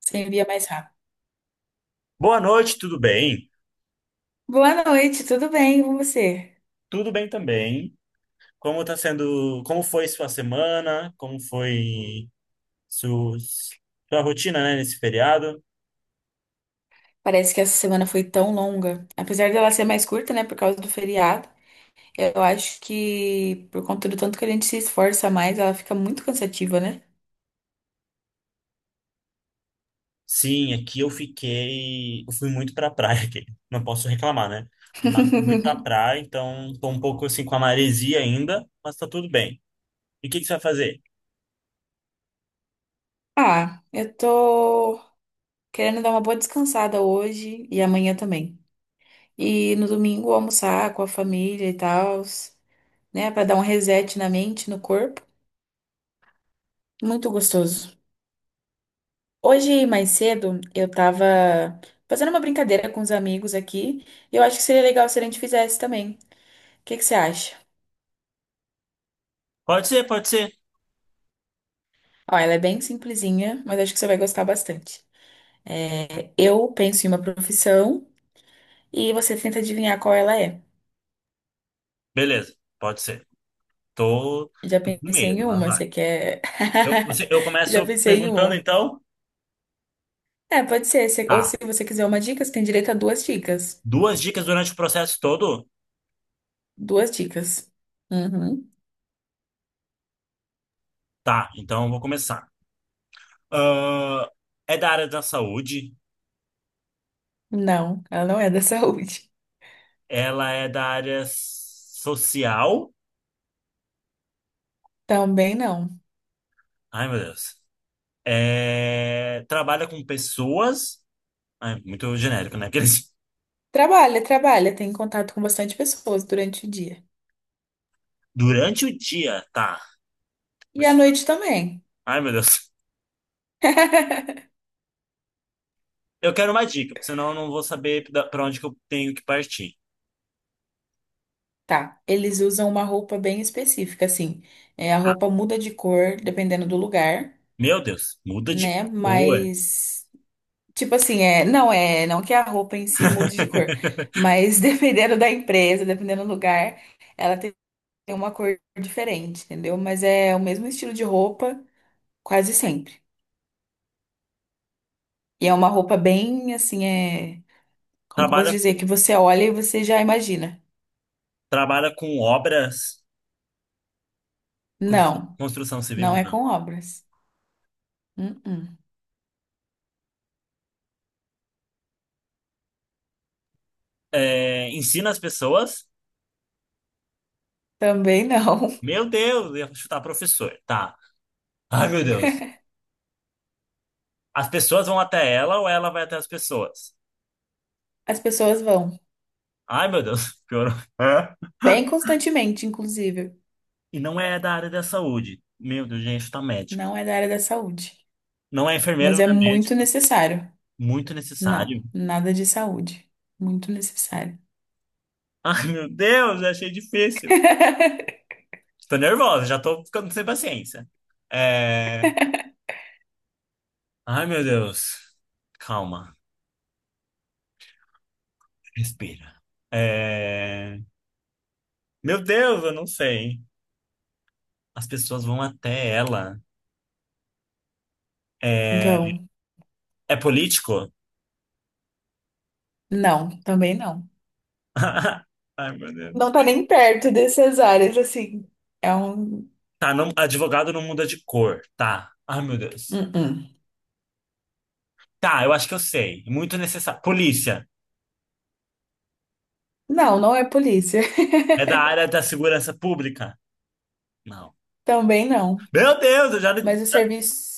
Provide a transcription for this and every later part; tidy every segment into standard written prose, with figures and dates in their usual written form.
Você envia mais rápido. Boa noite, tudo bem? Boa noite, tudo bem com você? Tudo bem também. Como tá sendo, como foi sua semana? Como foi su- sua rotina, né, nesse feriado? Parece que essa semana foi tão longa. Apesar dela ser mais curta, né, por causa do feriado, eu acho que por conta do tanto que a gente se esforça mais, ela fica muito cansativa, né? Sim, aqui eu fiquei, eu fui muito pra praia aqui. Não posso reclamar, né? Mas fui muito pra praia, então tô um pouco assim com a maresia ainda, mas tá tudo bem. E o que que você vai fazer? Ah, eu tô querendo dar uma boa descansada hoje e amanhã também. E no domingo almoçar com a família e tal, né, pra dar um reset na mente, no corpo. Muito gostoso. Hoje, mais cedo, eu tava fazendo uma brincadeira com os amigos aqui e eu acho que seria legal se a gente fizesse também. O que que você acha? Pode ser, pode ser. Ó, ela é bem simplesinha, mas acho que você vai gostar bastante. É, eu penso em uma profissão e você tenta adivinhar qual ela é. Beleza, pode ser. Tô, Já tô com pensei medo, em mas uma, vai. você quer? Eu Já começo pensei em perguntando uma. então. É, pode ser. Ou se Tá. você quiser uma dica, você tem direito a duas dicas. Duas dicas durante o processo todo? Duas dicas. Uhum. Tá, então eu vou começar. Ahn, é da área da saúde, Não, ela não é da saúde. ela é da área social. Também não. Ai, meu Deus. É, trabalha com pessoas. Ai, muito genérico, né? Aqueles... Trabalha, trabalha, tem contato com bastante pessoas durante o dia. Durante o dia, tá. E Deixa à eu- noite também. Ai, meu Deus. Eu quero uma dica, porque senão eu não vou saber pra onde que eu tenho que partir. Tá, eles usam uma roupa bem específica, assim. É, a roupa muda de cor dependendo do lugar, Meu Deus, muda de né? cor. Mas, tipo assim, é, não que a roupa em si mude de cor, mas dependendo da empresa, dependendo do lugar, ela tem uma cor diferente, entendeu? Mas é o mesmo estilo de roupa quase sempre. E é uma roupa bem, assim, é. Como que eu posso Trabalha, dizer? Que você olha e você já imagina. trabalha com obras, Não, construção civil, não é não. com obras. Uh-uh. É, ensina as pessoas. Também não. Meu Deus, ia chutar professor. Tá. Ai, meu Deus. As pessoas vão até ela ou ela vai até as pessoas? As pessoas vão, Ai, meu Deus, piorou. Hã? bem constantemente, inclusive. E não é da área da saúde. Meu Deus, gente, tá médico. Não é da área da saúde, Não é enfermeiro, mas não é é médico. muito necessário. Muito Não, necessário. nada de saúde. Muito necessário. Ai, meu Deus, achei difícil. Tô nervosa, já tô ficando sem paciência. É... Ai, meu Deus. Calma, respira. É... Meu Deus, eu não sei. As pessoas vão até ela. É, Vão. é político? Não, também não. Ai, meu Deus. Não tá nem perto dessas áreas, assim. É um. Tá, não, advogado não muda de cor, tá. Ai, meu Deus. Uh-uh. Tá, eu acho que eu sei. Muito necessário. Polícia. Não, não é polícia. É da área da segurança pública? Não. Também não. Meu Deus, eu já... Mas o serviço.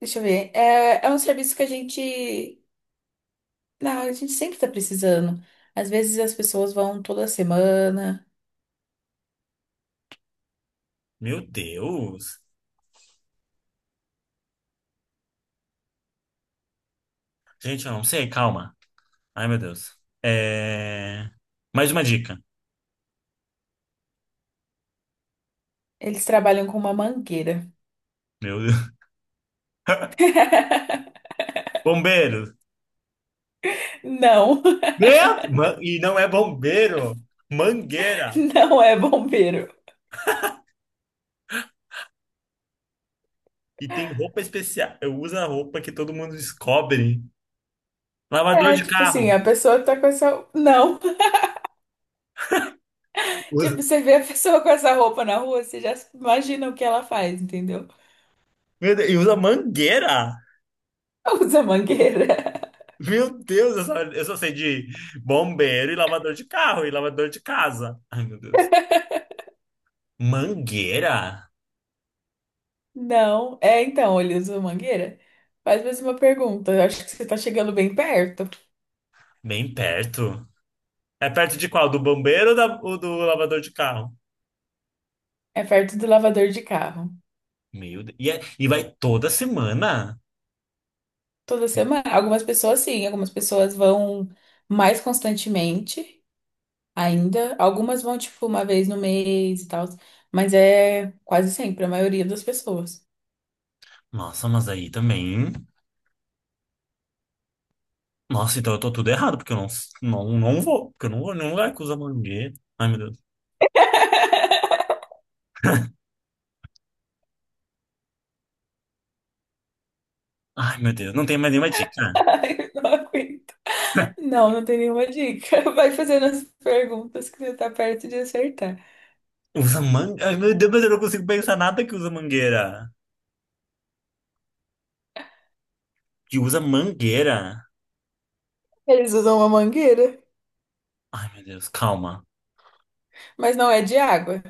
Deixa eu ver. É, é um serviço que a gente. Não, a gente sempre tá precisando. Às vezes as pessoas vão toda semana. Meu Deus. Gente, eu não sei, calma. Ai, meu Deus. É... Mais uma dica. Eles trabalham com uma mangueira. Meu Deus. Bombeiro. Não, E não é bombeiro. Mangueira. não é bombeiro. E tem roupa especial. Eu uso a roupa que todo mundo descobre. Lavador É, de tipo assim, carro. a pessoa tá com essa. Não. Tipo, Usa. você vê a pessoa com essa roupa na rua, você já imagina o que ela faz, entendeu? Meu Deus, e usa mangueira? Usa mangueira. Meu Deus, eu só sei de bombeiro e lavador de carro e lavador de casa. Ai, meu Deus. Mangueira? Não. É, então, ele usa mangueira? Faz mais uma pergunta. Eu acho que você tá chegando bem perto. Bem perto. É perto de qual? Do bombeiro ou do lavador de carro? É perto do lavador de carro. Meu Deus. E, e vai toda semana? Toda semana. Algumas pessoas sim, algumas pessoas vão mais constantemente ainda. Algumas vão, tipo, uma vez no mês e tal. Mas é quase sempre, a maioria das pessoas. Nossa, mas aí também. Nossa, então eu tô tudo errado, porque eu não, não, não vou. Porque eu não vou em nenhum lugar que usa mangueira. Ai, meu Deus. Ai, meu Deus. Não tem mais nenhuma dica. Ai, não aguento. Não, não tem nenhuma dica. Vai fazendo as perguntas que você tá perto de acertar. Usa mangueira? Ai, meu Deus, mas eu não consigo pensar nada que usa mangueira. Eles usam uma mangueira, Ai, meu Deus, calma. mas não é de água.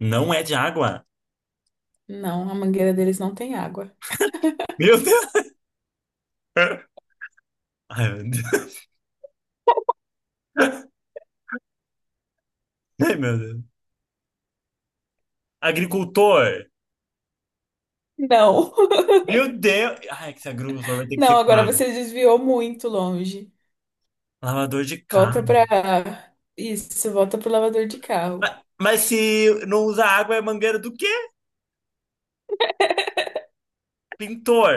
Não é de água. Não, a mangueira deles não tem água. Meu Deus. Ai, meu Deus. Ai, meu Deus. Agricultor. Não. Meu Deus. Ai, que esse agricultor vai ter que ser Não, agora claro. você desviou muito longe. Lavador de Volta carro. pra. Isso, volta pro lavador de carro. Mas se não usa água, é mangueira do quê?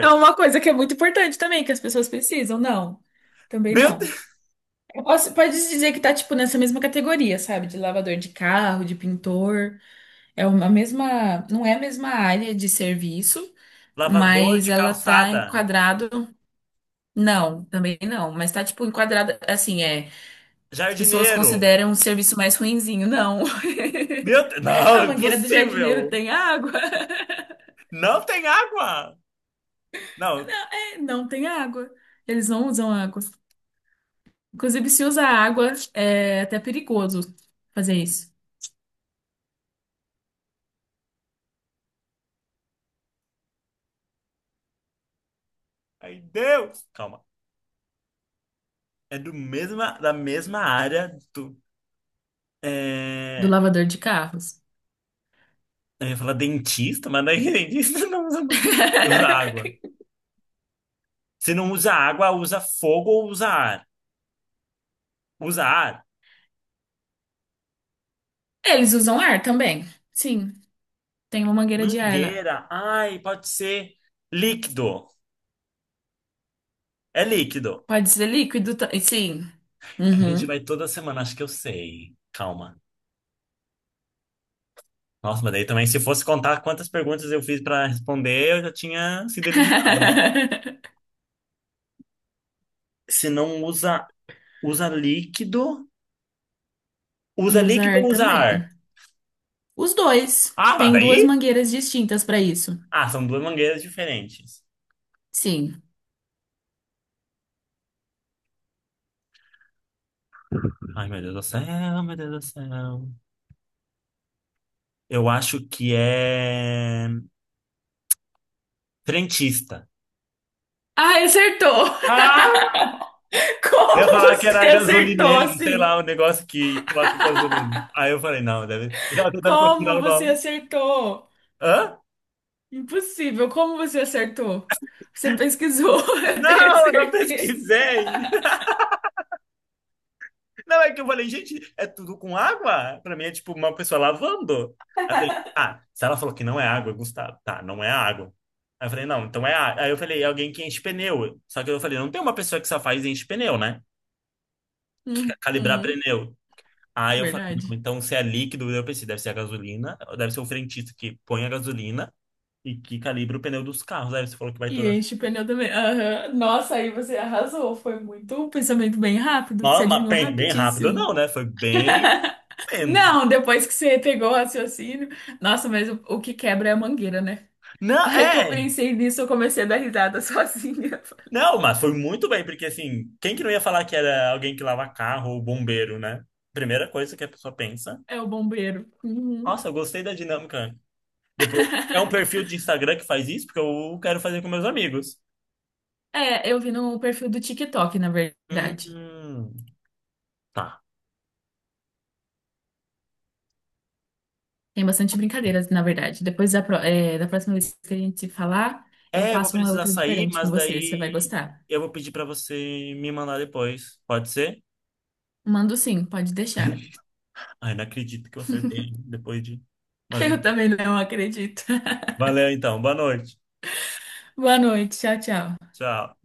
É uma coisa que é muito importante também, que as pessoas precisam, não. Também Meu não. Deus. Pode dizer que tá, tipo, nessa mesma categoria, sabe? De lavador de carro, de pintor. É uma mesma. Não é a mesma área de serviço, Lavador mas de ela tá calçada. enquadrado. Não, também não. Mas tá, tipo, enquadrada. Assim, é. As pessoas Jardineiro. consideram um serviço mais ruinzinho. Não. Meu Deus. Não, A mangueira do jardineiro impossível. tem água? Não tem água. Não. Não, é, não tem água. Eles não usam água. Inclusive, se usa água, é até perigoso fazer isso, Ai, Deus. Calma. É da mesma área. do É. lavador de carros. Eu ia falar dentista, mas daí dentista não usa manga. Usa água. Se não usa água, usa fogo ou usa ar. Usa ar. Eles usam ar também. Sim, tem uma mangueira de ar lá. Mangueira. Ai, pode ser líquido. É líquido. Pode ser líquido, sim. A gente Uhum. vai toda semana, acho que eu sei. Calma. Nossa, mas daí também, se fosse contar quantas perguntas eu fiz para responder, eu já tinha sido eliminado, né? Se não usa, usa líquido. Usa E usa líquido ar ou usa também. ar? Os dois. Ah, mas Tem duas daí? mangueiras distintas para isso. Ah, são duas mangueiras diferentes. Sim. Ai, meu Deus do céu, meu Deus do céu. Eu acho que é frentista. Ah, acertou! Ah! Eu ia Como falar que você era acertou gasolineiro, sei assim? lá, o negócio que coloca gasolina. Aí eu falei, não, deve. Eu tava tentando procurar Como o você nome. acertou? Hã? Impossível. Como você acertou? Você pesquisou, eu tenho Não, eu não certeza. pesquisei. Não, é que eu falei, gente, é tudo com água? Pra mim é tipo uma pessoa lavando. Aí eu falei, ah, se ela falou que não é água, Gustavo. Tá, não é água. Aí eu falei, não, então é água. Aí eu falei, é alguém que enche pneu. Só que eu falei, não tem uma pessoa que só faz e enche pneu, né? Calibrar Uhum, pneu. Aí eu falei, não, verdade. então se é líquido, eu pensei, deve ser a gasolina, deve ser o frentista que põe a gasolina e que calibra o pneu dos carros. Aí você falou que vai E toda. enche o pneu também. Aham. Nossa, aí você arrasou. Foi muito um pensamento bem rápido, que você Nossa, mas adivinhou bem rápido, rapidíssimo. não, né? Foi bem lento. Não, depois que você pegou o raciocínio. Nossa, mas o que quebra é a mangueira, né? Não, A hora que eu é. pensei nisso, eu comecei a dar risada sozinha. Não, mas foi muito bem, porque assim, quem que não ia falar que era alguém que lava carro ou bombeiro, né? Primeira coisa que a pessoa pensa. É o bombeiro. Uhum. Nossa, eu gostei da dinâmica. Depois, é um perfil de Instagram que faz isso, porque eu quero fazer com meus amigos. É, eu vi no perfil do TikTok, na Hum, verdade. hum. Tá. Tem bastante brincadeiras, na verdade. Depois da, pro- eh, Da próxima vez que a gente falar, eu É, eu vou faço uma precisar outra sair, diferente com mas você. Você vai daí gostar. eu vou pedir pra você me mandar depois. Pode ser? Mando sim, pode deixar. Ai, não acredito que eu acertei depois de. Mas Eu enfim. também não acredito. Valeu então. Boa noite. Boa noite. Tchau, tchau. Tchau.